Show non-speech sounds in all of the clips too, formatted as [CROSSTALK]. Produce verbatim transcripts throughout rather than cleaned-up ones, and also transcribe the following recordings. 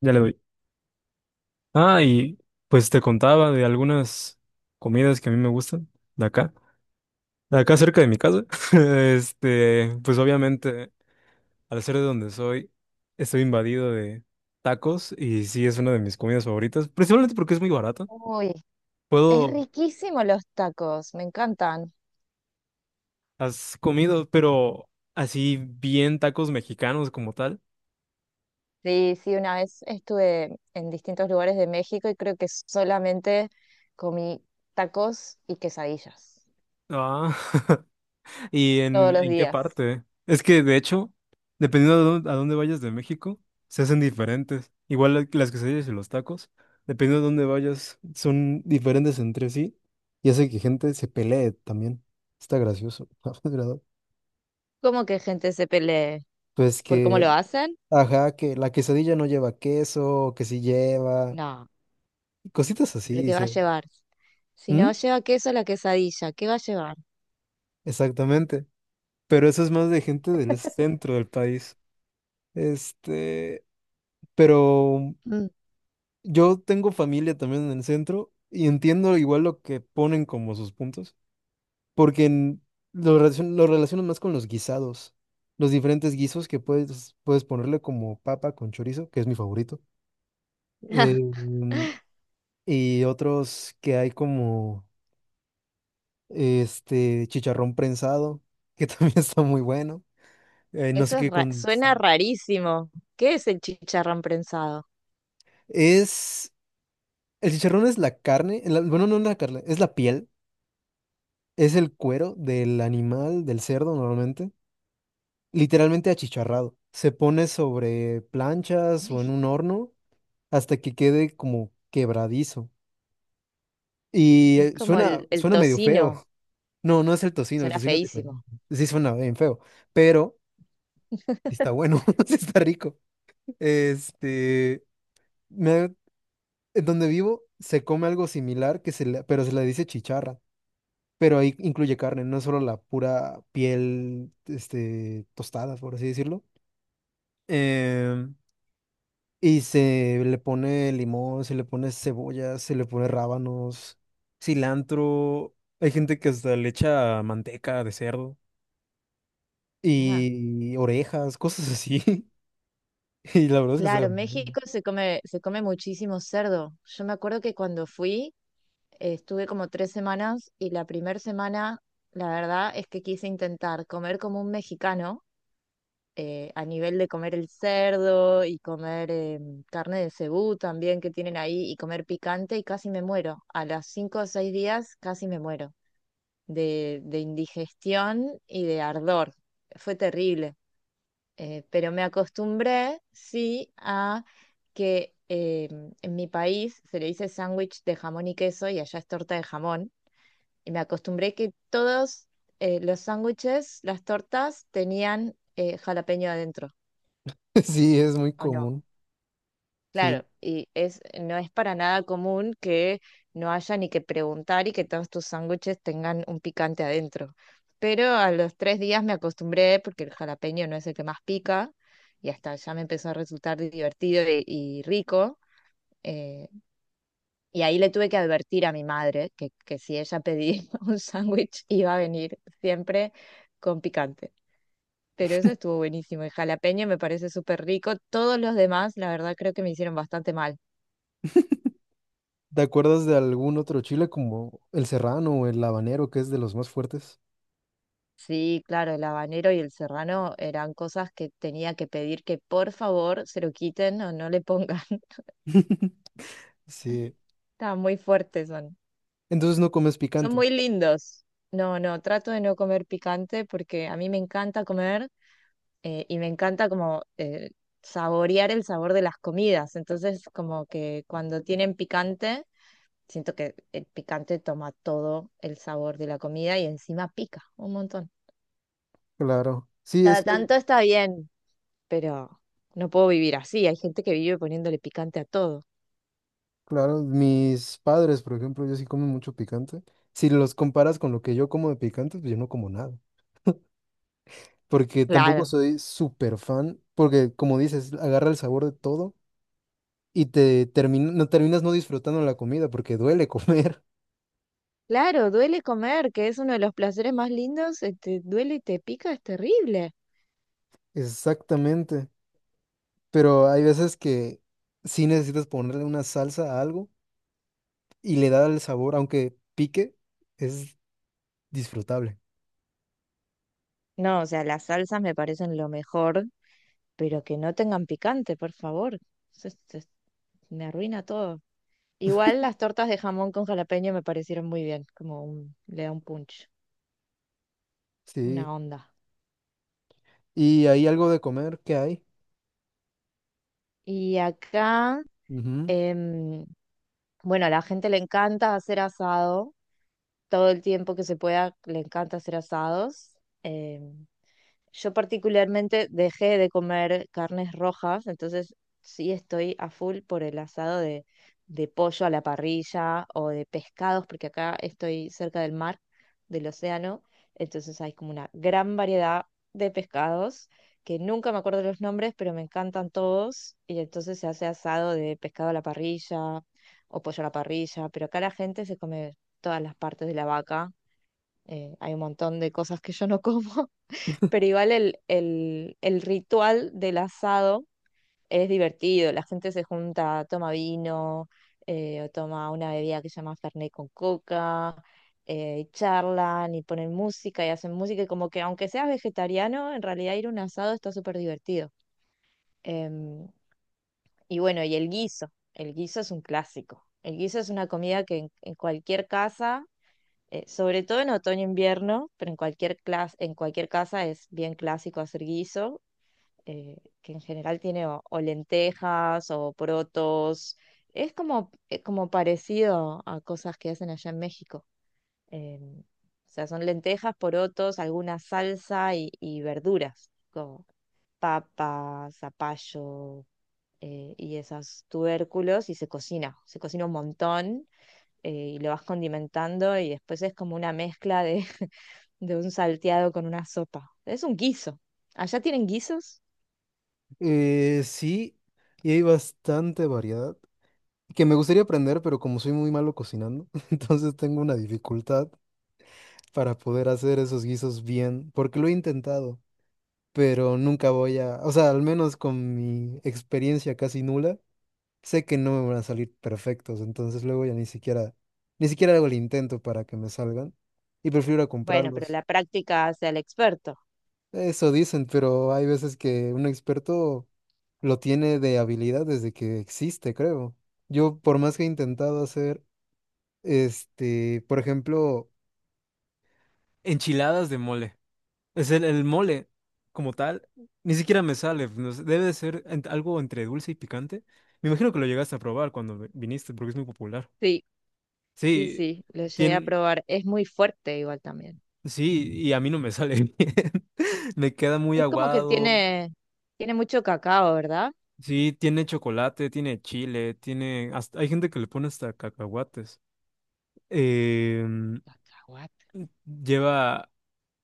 Ya le doy. Ah, y pues te contaba de algunas comidas que a mí me gustan de acá, de acá cerca de mi casa. [LAUGHS] Este, pues obviamente, al ser de donde soy, estoy invadido de tacos y sí es una de mis comidas favoritas, principalmente porque es muy barata. Uy, es Puedo, riquísimo los tacos, me encantan. has comido, pero así bien tacos mexicanos como tal. Sí, sí, una vez estuve en distintos lugares de México y creo que solamente comí tacos y quesadillas Ah, [LAUGHS] ¿Y todos en, los en qué días. parte? Es que, de hecho, dependiendo a dónde, a dónde vayas de México, se hacen diferentes. Igual la- las quesadillas y los tacos, dependiendo a dónde vayas, son diferentes entre sí y hace que gente se pelee también. Está gracioso, [LAUGHS] la verdad. ¿Cómo que gente se pelee? Pues ¿Por cómo que, lo hacen? ajá, que la quesadilla no lleva queso, que sí lleva, No, y cositas así, pero ¿qué va a dice. llevar? Si ¿Mm? no lleva queso la quesadilla, ¿qué va a llevar? Exactamente. Pero eso es más de gente del centro del país. Este, pero... Mm. Yo tengo familia también en el centro y entiendo igual lo que ponen como sus puntos, porque en- lo relacion- lo relaciono más con los guisados, los diferentes guisos que puedes, puedes ponerle como papa con chorizo, que es mi favorito, eh, [LAUGHS] mm, y otros que hay como este chicharrón prensado, que [LAUGHS] también está muy bueno, eh, no sé Eso es qué ra- con... Suena sa- rarísimo. ¿Qué es el chicharrón prensado? Es, el chicharrón es la carne, la- bueno, no la carne, es la piel, es el cuero del animal, del cerdo, normalmente literalmente achicharrado. Se pone sobre planchas o Ay, en un horno hasta que quede como quebradizo. Y es eh, como suena, el, el suena medio feo. tocino, [LAUGHS] No, no es el tocino, el suena tocino es feísimo. diferente. Sí suena bien feo, pero sí está [LAUGHS] bueno, [LAUGHS] sí está rico. Este, me- en donde vivo se come algo similar, que se le- pero se le dice chicharra. Pero ahí incluye carne, no es solo la pura piel, este, tostada, por así decirlo. Em, Y se le pone limón, se le pone cebolla, se le pone rábanos, cilantro. Hay gente que hasta le echa manteca de cerdo Ah, y orejas, cosas así. [LAUGHS] Y la verdad es que sabe claro, muy bueno. México se come, se come muchísimo cerdo. Yo me acuerdo que cuando fui, eh, estuve como tres semanas y la primera semana, la verdad es que quise intentar comer como un mexicano, eh, a nivel de comer el cerdo y comer eh, carne de cebú también que tienen ahí y comer picante y casi me muero. A las cinco o seis días casi me muero de, de indigestión y de ardor. Fue terrible. Eh, pero me acostumbré, sí, a que eh, en mi país se le dice sándwich de jamón y queso y allá es torta de jamón. Y me acostumbré que todos eh, los sándwiches, las tortas, tenían eh, jalapeño adentro, [LAUGHS] Sí, es muy ¿o no? común. Sí. Claro, y es, no es para nada común que no haya ni que preguntar y que todos tus sándwiches tengan un picante adentro. Pero a los tres días me acostumbré porque el jalapeño no es el que más pica y hasta ya me empezó a resultar divertido y, y rico. eh, y ahí le tuve que advertir a mi madre que, que si ella pedía [LAUGHS] un sándwich iba a venir siempre con picante. Pero eso estuvo buenísimo. El jalapeño me parece súper rico. Todos los demás, la verdad, creo que me hicieron bastante mal. ¿Te acuerdas de algún otro chile como el serrano o el habanero, que es de los más fuertes? Sí, claro, el habanero y el serrano eran cosas que tenía que pedir que por favor se lo quiten o no le pongan. [LAUGHS] [LAUGHS] Sí. Estaban muy fuertes, son. Entonces no comes Son picante. muy lindos. No, no, trato de no comer picante porque a mí me encanta comer eh, y me encanta como eh, saborear el sabor de las comidas. Entonces, como que cuando tienen picante, siento que el picante toma todo el sabor de la comida y encima pica un montón. Claro. Sí, es Cada que tanto está bien, pero no puedo vivir así. Hay gente que vive poniéndole picante a todo. claro, mis padres, por ejemplo, ellos sí comen mucho picante. Si los comparas con lo que yo como de picante, pues yo no como nada. Porque tampoco Claro. soy súper fan, porque como dices, agarra el sabor de todo y te termina, no terminas no disfrutando la comida porque duele comer. Claro, duele comer, que es uno de los placeres más lindos, este, duele y te pica, es terrible. [LAUGHS] Exactamente. Pero hay veces que sí necesitas ponerle una salsa a algo y le da el sabor, aunque pique, es disfrutable. No, o sea, las salsas me parecen lo mejor, pero que no tengan picante, por favor. Eso es- es- Me arruina todo. Igual las tortas de jamón con jalapeño me parecieron muy bien, como un, le da un punch, Sí. una onda. Y hay algo de comer que hay. Y acá, em, bueno, a la gente le encanta hacer asado todo el tiempo que se pueda, le encanta hacer asados. em, yo particularmente dejé de comer carnes rojas, entonces sí estoy a full por el asado de, de pollo a la parrilla o de pescados, porque acá estoy cerca del mar, del océano, entonces hay como una gran variedad de pescados que nunca me acuerdo los nombres, pero me encantan todos, y entonces se hace asado de pescado a la parrilla o pollo a la parrilla, pero acá la gente se come todas las partes de la vaca, eh, hay un montón de cosas que yo no [LAUGHS] como, pero igual el, el, el ritual del asado es divertido, la gente se junta, toma vino, eh, o toma una bebida que se llama Fernet con coca, eh, y charlan y ponen música y hacen música, y como que aunque seas vegetariano, en realidad ir a un asado está súper divertido. Em, y bueno, y el guiso, el guiso es un clásico. El guiso es una comida que en, en cualquier casa, eh, sobre todo en otoño e invierno, pero en cualquier clas- en cualquier casa es bien clásico hacer guiso, eh, que en general tiene o, o lentejas o protos. Es como, eh, como parecido a cosas que hacen allá en México. Em, o sea, son lentejas, porotos, alguna salsa y, y verduras, como papa, zapallo, eh, y esos tubérculos, y se cocina. Se cocina un montón, eh, y lo vas condimentando y después es como una mezcla de, [LAUGHS] de un salteado con una sopa. Es un guiso. ¿Allá tienen guisos? Eh, sí, y hay bastante variedad que me gustaría aprender, pero como soy muy malo cocinando, [LAUGHS] entonces tengo una dificultad para poder hacer esos guisos bien, porque lo he intentado, pero nunca voy a, o sea, al menos con mi experiencia casi nula, sé que no me van a salir perfectos, entonces luego ya ni siquiera, ni siquiera hago el intento para que me salgan y prefiero ir a Bueno, pero comprarlos. la práctica hace al experto. Eso dicen, pero hay veces que un experto lo tiene de habilidad desde que existe, creo. Yo, por más que he intentado hacer, este, por ejemplo, enchiladas de mole. Es el, el mole como tal, ni siquiera me sale. No sé, debe de ser ent- algo entre dulce y picante. Me imagino que lo llegaste a probar cuando vi- viniste, porque es muy popular. Sí, sí, Sí, sí, lo llegué a tiene, probar. Es muy fuerte igual también. sí, y a mí no me sale [LAUGHS] bien. Me queda muy Es como que aguado. tiene, tiene mucho cacao, ¿verdad? Sí, tiene chocolate, tiene chile, tiene... hasta- hay gente que le pone hasta cacahuates. Em, Cacahuate. Lleva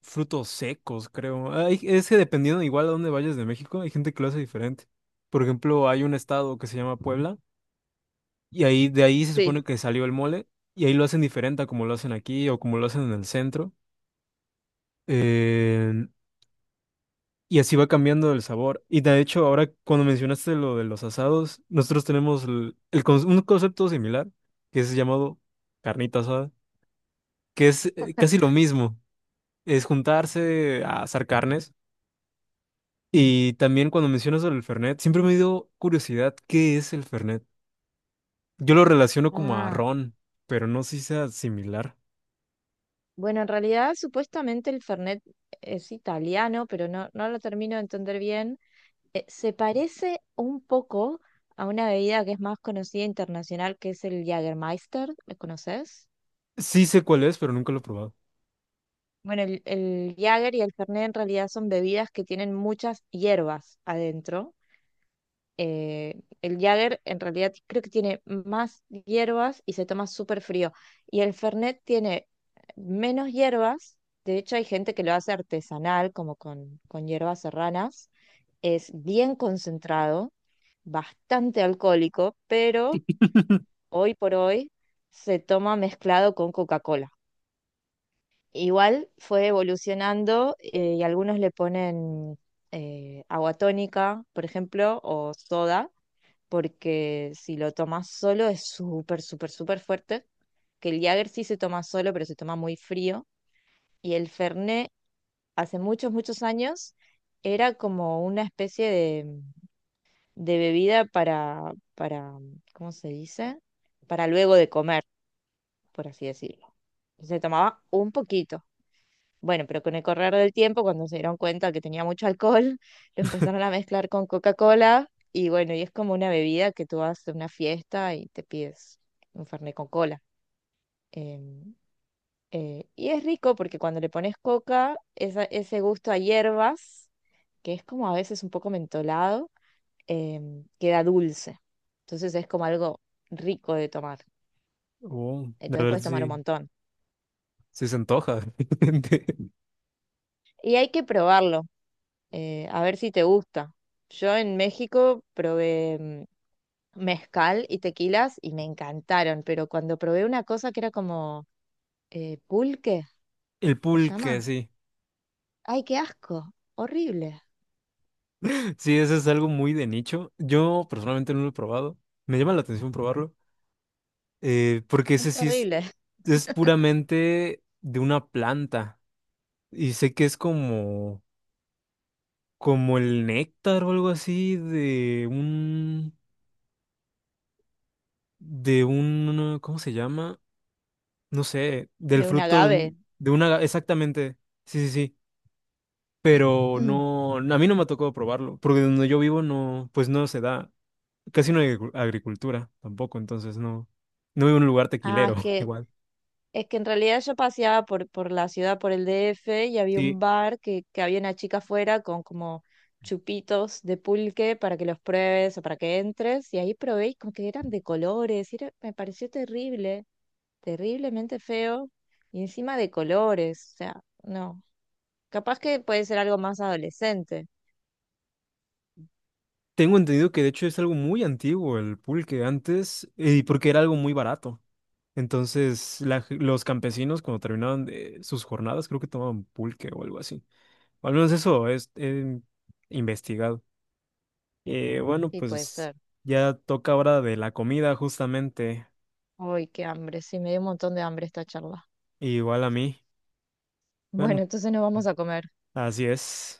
frutos secos, creo. Hay- es que dependiendo igual a dónde vayas de México, hay gente que lo hace diferente. Por ejemplo, hay un estado que se llama Puebla y ahí de ahí se Sí, supone que salió el mole, y ahí lo hacen diferente a como lo hacen aquí o como lo hacen en el centro. Em, Y así va cambiando el sabor. Y de hecho, ahora cuando mencionaste lo de los asados, nosotros tenemos el, el con- un concepto similar, que es llamado carnita asada, que es eh, casi lo mismo, es juntarse a asar carnes. Y también cuando mencionas el Fernet, siempre me dio curiosidad, ¿qué es el Fernet? Yo lo relaciono como a ah, ron, pero no sé si sea similar. bueno, en realidad supuestamente el Fernet es italiano, pero no, no lo termino de entender bien. Eh, se parece un poco a una bebida que es más conocida internacional, que es el Jägermeister. ¿Lo conoces? Sí sé cuál es, pero nunca lo he probado. Bueno, el, el Jäger y el Fernet en realidad son bebidas que tienen muchas hierbas adentro. Eh, el Jäger en realidad creo que tiene más hierbas y se toma súper frío. Y el Fernet tiene menos hierbas. De hecho, hay gente que lo hace artesanal, como con, con hierbas serranas. Es bien concentrado, bastante alcohólico, pero hoy por hoy se toma mezclado con Coca-Cola. Igual fue evolucionando, eh, y algunos le ponen eh, agua tónica, por ejemplo, o soda, porque si lo tomas solo es súper, súper, súper fuerte. Que el Jäger sí se toma solo, pero se toma muy frío. Y el Fernet, hace muchos, muchos años, era como una especie de, de bebida para, para, ¿cómo se dice? Para luego de comer, por así decirlo. Se tomaba un poquito. Bueno, pero con el correr del tiempo, cuando se dieron cuenta que tenía mucho alcohol, [LAUGHS] lo empezaron a mezclar con Coca-Cola y bueno, y es como una bebida que tú vas a una fiesta y te pides un fernet con cola. Em, eh, y es rico porque cuando le pones coca, esa- ese gusto a hierbas, que es como a veces un poco mentolado, em, queda dulce. Entonces es como algo rico de tomar. Oh, de Entonces ver puedes tomar un si montón. si se antoja. Y hay que probarlo. Eh, a ver si te gusta. Yo en México probé mm, mezcal y tequilas y me encantaron, pero cuando probé una cosa que era como eh, pulque, [LAUGHS] El ¿se pulque, llama? sí. ¡Ay, qué asco! Horrible, Sí, eso es algo muy de nicho. Yo personalmente no lo he probado. Me llama la atención probarlo, eh, porque ese es sí es, horrible, [LAUGHS] es puramente de una planta. Y sé que es como, como el néctar o algo así de un, de un, ¿cómo se llama? No sé, del de un fruto de, agave. un- de una, exactamente. Sí, sí, sí. Pero [CLEARS THROAT] no, a mí no me ha tocado probarlo, porque donde yo vivo no, pues no se da. Casi no hay agricu- agricultura tampoco, entonces no, no hay un lugar Ah, es tequilero [LAUGHS] que igual. Es que en realidad yo paseaba por, por la ciudad, por el D F, y había un Sí, bar que, que había una chica afuera con como chupitos de pulque para que los pruebes o para que entres, y ahí probé y como que eran de colores, y era- me pareció terrible, terriblemente feo, y encima de colores, o sea, no. Capaz que puede ser algo más adolescente. tengo entendido que de hecho es algo muy antiguo el pulque antes, y porque era algo muy barato. Entonces la ge- los campesinos cuando terminaban de sus jornadas creo que tomaban pulque o algo así. O al menos eso es he investigado. Eh, bueno, Sí, puede pues ser. ya toca hora de la comida justamente, Uy, qué hambre, sí, me dio un montón de hambre esta charla. igual a mí. Bueno, Bueno, entonces nos vamos a comer. así es.